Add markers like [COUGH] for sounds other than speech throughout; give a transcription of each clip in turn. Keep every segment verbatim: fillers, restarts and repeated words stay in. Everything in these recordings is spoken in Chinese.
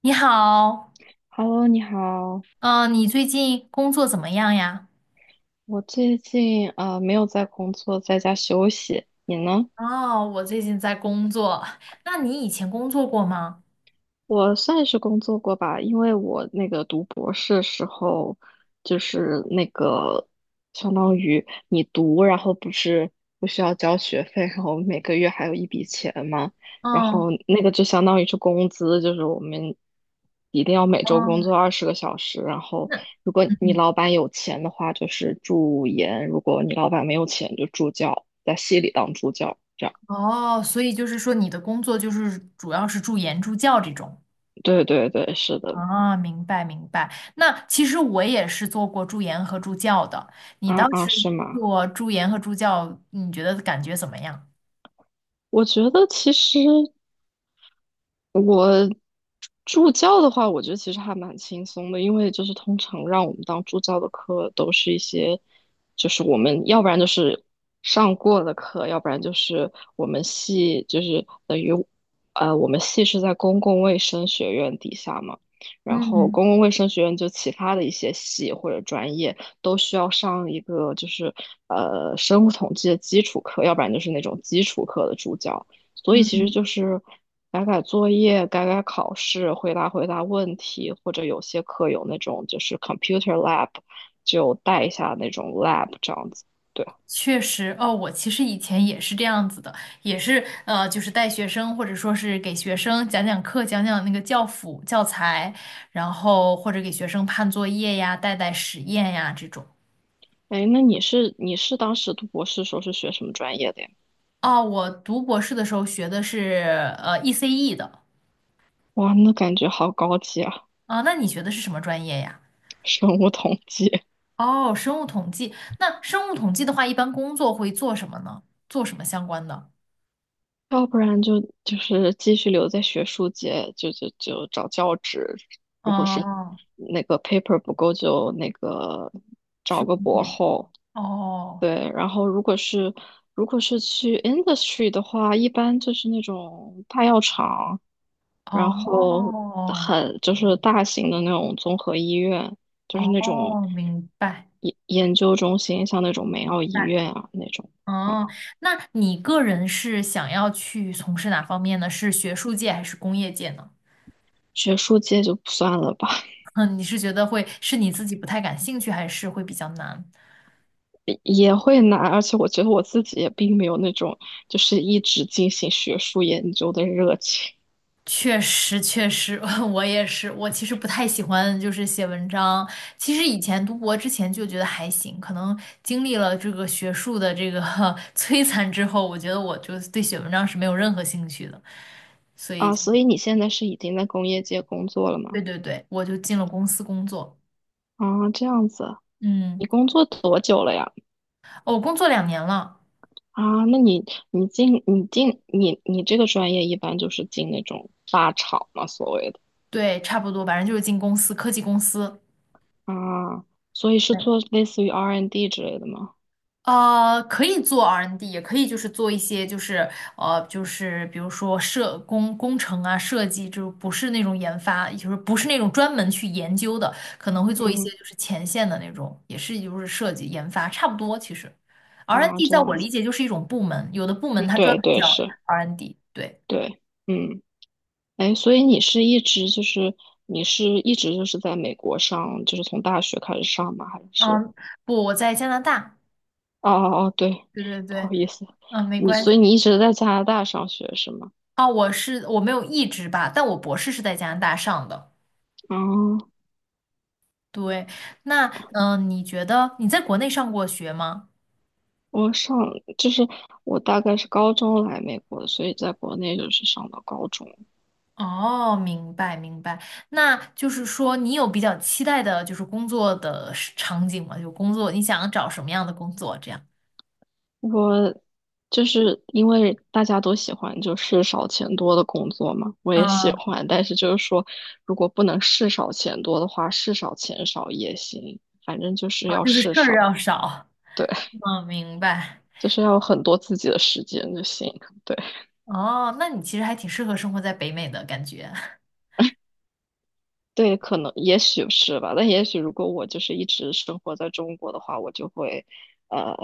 你好，Hello，你好，嗯、你最近工作怎么样呀？我最近呃没有在工作，在家休息。你呢？哦，我最近在工作。那你以前工作过吗？我算是工作过吧，因为我那个读博士时候，就是那个相当于你读，然后不是不需要交学费，然后每个月还有一笔钱嘛，然嗯，后那个就相当于是工资，就是我们一定要每周工嗯，作二十个小时，然后那如果你嗯，老板有钱的话，就是助研；如果你老板没有钱，就助教，在系里当助教，这样。哦，所以就是说你的工作就是主要是助研助教这种。对对对，是的，啊，明白明白。那其实我也是做过助研和助教的。你啊当啊，时是吗？做助研和助教，你觉得感觉怎么样？我觉得其实我助教的话，我觉得其实还蛮轻松的，因为就是通常让我们当助教的课都是一些，就是我们要不然就是上过的课，要不然就是我们系就是等于，呃，我们系是在公共卫生学院底下嘛，然后嗯公共卫生学院就其他的一些系或者专业都需要上一个就是呃生物统计的基础课，要不然就是那种基础课的助教。所以其实嗯。就是改改作业、改改考试、回答回答问题，或者有些课有那种就是 computer lab，就带一下那种 lab 这样子。对，确实，哦，我其实以前也是这样子的，也是呃，就是带学生或者说是给学生讲讲课，讲讲那个教辅教材，然后或者给学生判作业呀、带带实验呀这种。哎，那你是你是当时读博士时候是学什么专业的呀？哦，我读博士的时候学的是呃 E C E 的。哇，那感觉好高级啊，啊，那你学的是什么专业呀？[LAUGHS] 生物统计。哦，生物统计。那生物统计的话，一般工作会做什么呢？做什么相关的？要不然就就是继续留在学术界，就就就找教职。如果是哦，那个 paper 不够，就那个去找估个博计后。哦对，然后如果是如果是去 industry 的话，一般就是那种大药厂，然后哦。很就是大型的那种综合医院，就是那种哦，明白。研研究中心，像那种梅奥医白院啊那种哦，啊，那你个人是想要去从事哪方面呢？是学术界还是工业界呢？学术界就不算了吧，[LAUGHS] 嗯，你是觉得会是你自己不太感兴趣，还是会比较难？[LAUGHS] 也也会难，而且我觉得我自己也并没有那种就是一直进行学术研究的热情确实，确实，[LAUGHS] 我也是。我其实不太喜欢就是写文章。其实以前读博之前就觉得还行，可能经历了这个学术的这个 [LAUGHS] 摧残之后，我觉得我就对写文章是没有任何兴趣的。所以啊，就。所以你现在是已经在工业界工作了吗？对对对，我就进了公司工作。啊，这样子。嗯，你工作多久了呀？我工作两年了，啊，那你你进你进你你这个专业一般就是进那种大厂嘛，所谓的对，差不多，反正就是进公司，科技公司。啊，所以是对，做类似于 R 和 D n 之类的吗？呃，可以做 R and D，N 也可以就是做一些就是呃就是比如说设工工程啊设计，就是不是那种研发，就是不是那种专门去研究的，可能会做一些嗯就是前线的那种，也是就是设计研发差不多。其实 啊，R and D N 这在我样子，理解就是一种部门，有的部嗯门它专对门对叫 是，R and D N。对，对，嗯，哎，所以你是一直就是你是一直就是在美国上，就是从大学开始上吗？还是嗯，不，我在加拿大，哦哦哦，对，对对不对，好意思，嗯，没你关所以系。你一直在加拿大上学是吗？啊，我是我没有一直吧，但我博士是在加拿大上的。哦，对，那嗯、呃你觉得你在国内上过学吗？我上就是我大概是高中来美国的，所以在国内就是上到高中。哦，明白明白。那就是说，你有比较期待的，就是工作的是场景吗？就工作，你想找什么样的工作？这样，我就是因为大家都喜欢就是少钱多的工作嘛，我嗯，也喜啊，欢，但是就是说，如果不能事少钱多的话，事少钱少也行，反正就是要就是事事儿少，要少。对，[LAUGHS] 嗯，明白。就是要有很多自己的时间就行，对。哦，那你其实还挺适合生活在北美的感觉，对，可能也许是吧，但也许如果我就是一直生活在中国的话，我就会，呃，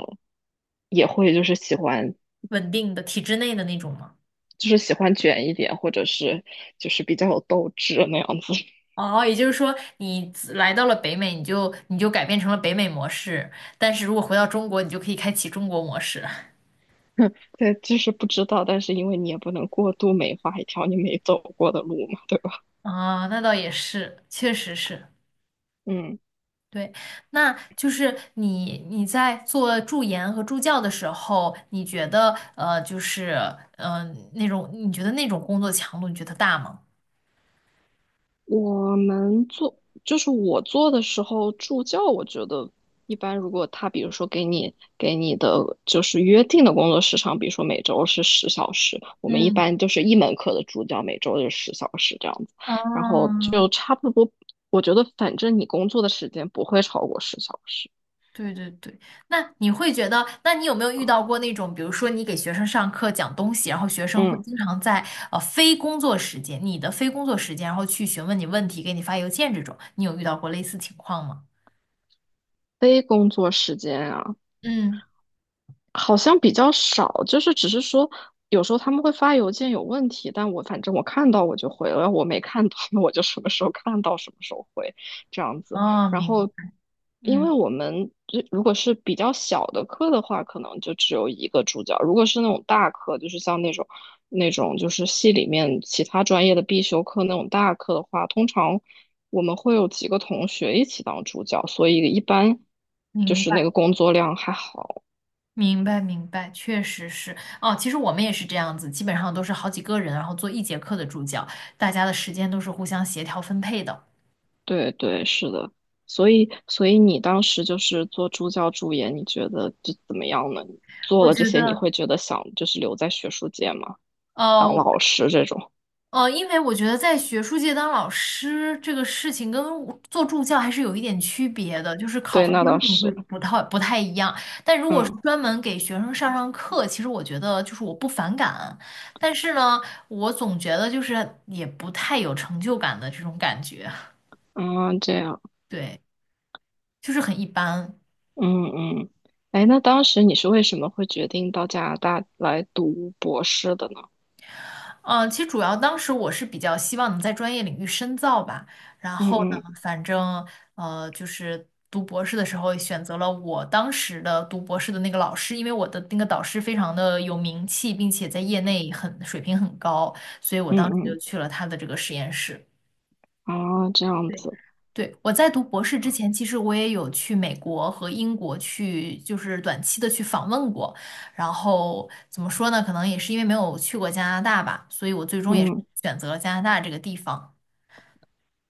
也会就是喜欢 [LAUGHS] 稳定的体制内的那种吗？就是喜欢卷一点，或者是就是比较有斗志那样子。哦，也就是说，你自来到了北美，你就你就改变成了北美模式，但是如果回到中国，你就可以开启中国模式。[LAUGHS] 对，就是不知道，但是因为你也不能过度美化一条你没走过的路嘛，对吧？啊，那倒也是，确实是，嗯，对。那就是你你在做助研和助教的时候，你觉得呃，就是嗯、呃那种你觉得那种工作强度，你觉得大吗？我们做就是我做的时候助教，我觉得一般，如果他比如说给你给你的就是约定的工作时长，比如说每周是十小时，我们一嗯。般就是一门课的助教每周就是十小时这样子，然后就嗯差不多。我觉得反正你工作的时间不会超过十小时。对对对，那你会觉得，那你有没有遇到过那种，比如说你给学生上课讲东西，然后学生会嗯，经常在呃非工作时间，你的非工作时间，然后去询问你问题，给你发邮件这种，你有遇到过类似情况吗？非工作时间啊，嗯，好像比较少，就是只是说有时候他们会发邮件有问题，但我反正我看到我就回了，我没看到那我就什么时候看到什么时候回这样子。哦，然明，后，因为嗯，我们这如果是比较小的课的话，可能就只有一个助教；如果是那种大课，就是像那种那种就是系里面其他专业的必修课那种大课的话，通常我们会有几个同学一起当助教，所以一般就明是那个白，工作量还好。明白，明白，确实是。哦，其实我们也是这样子，基本上都是好几个人，然后做一节课的助教，大家的时间都是互相协调分配的。对对，是的，所以所以你当时就是做助教助研，你觉得就怎么样呢？做我了这觉些，你得，会觉得想就是留在学术界吗？当呃，老师这种？呃，因为我觉得在学术界当老师这个事情跟做助教还是有一点区别的，就是考对，核那标倒准会是，不太不太一样。但如果是嗯专门给学生上上课，其实我觉得就是我不反感，但是呢，我总觉得就是也不太有成就感的这种感觉，嗯，这样，对，就是很一般。嗯嗯，哎，那当时你是为什么会决定到加拿大来读博士的呢？嗯，呃其实主要当时我是比较希望能在专业领域深造吧，然嗯后呢，嗯反正呃，就是读博士的时候选择了我当时的读博士的那个老师，因为我的那个导师非常的有名气，并且在业内很水平很高，所以我当时就嗯去了他的这个实验室。嗯，啊，这样对，子，对，我在读博士之前，其实我也有去美国和英国去，就是短期的去访问过。然后怎么说呢？可能也是因为没有去过加拿大吧，所以我最终也是嗯。选择了加拿大这个地方。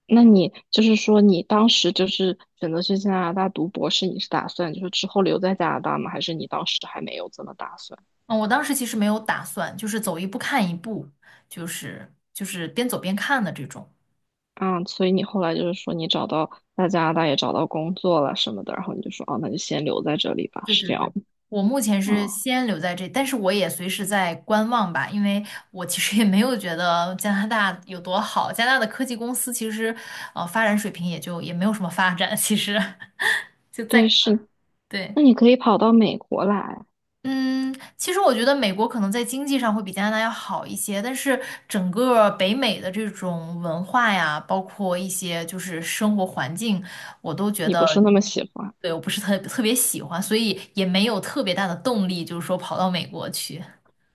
那你就是说，你当时就是选择去加拿大读博士，你是打算就是之后留在加拿大吗？还是你当时还没有这么打算？嗯，我当时其实没有打算，就是走一步看一步，就是就是边走边看的这种。啊，所以你后来就是说你找到在加拿大也找到工作了什么的，然后你就说哦，那就先留在这里吧，对是对这对，样我目前吗？是哦，先留在这，但是我也随时在观望吧，因为我其实也没有觉得加拿大有多好，加拿大的科技公司其实，呃，发展水平也就也没有什么发展，其实 [LAUGHS] 就对，在是。那对。你可以跑到美国来，嗯，其实我觉得美国可能在经济上会比加拿大要好一些，但是整个北美的这种文化呀，包括一些就是生活环境，我都觉你得，不是那么喜欢对，我不是特特别喜欢，所以也没有特别大的动力，就是说跑到美国去。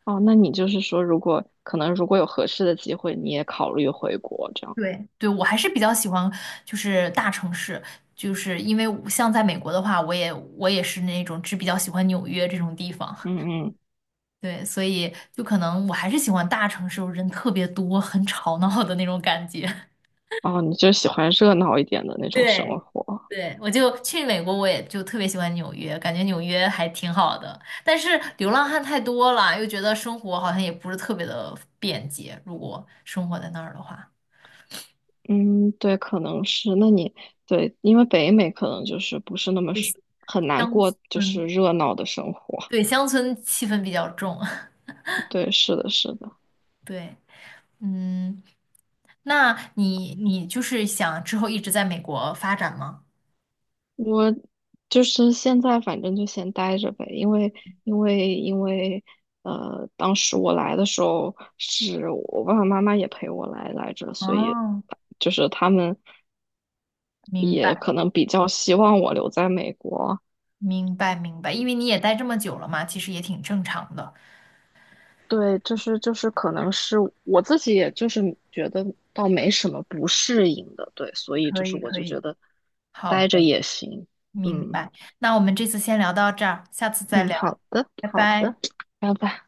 哦？那你就是说，如果可能，如果有合适的机会，你也考虑回国这样。对，对，我还是比较喜欢就是大城市，就是因为我像在美国的话，我也我也是那种只比较喜欢纽约这种地方。嗯嗯，对，所以就可能我还是喜欢大城市，人特别多，很吵闹的那种感觉。[LAUGHS] 哦，你就喜欢热闹一点的那种生对，活。对，我就去美国，我也就特别喜欢纽约，感觉纽约还挺好的。但是流浪汉太多了，又觉得生活好像也不是特别的便捷。如果生活在那儿的话，嗯，对，可能是。那你对，因为北美可能就是不是那么对是很难乡过，就是村，热闹的生活。对，乡村气氛比较重。[LAUGHS] [LAUGHS] 对，是的，是的。对，嗯，那你你就是想之后一直在美国发展吗？我就是现在反正就先待着呗，因为因为因为呃，当时我来的时候是我爸爸妈妈也陪我来来着，所以哦，就是他们明也白。可能比较希望我留在美国。明白明白，因为你也待这么久了嘛，其实也挺正常的。对，就是就是可能是我自己，也就是觉得倒没什么不适应的，对，所以可就是以我可就觉以，得好待着的，也行，明嗯白。那我们这次先聊到这儿，下次再嗯，聊，好的拜好拜。的，拜拜。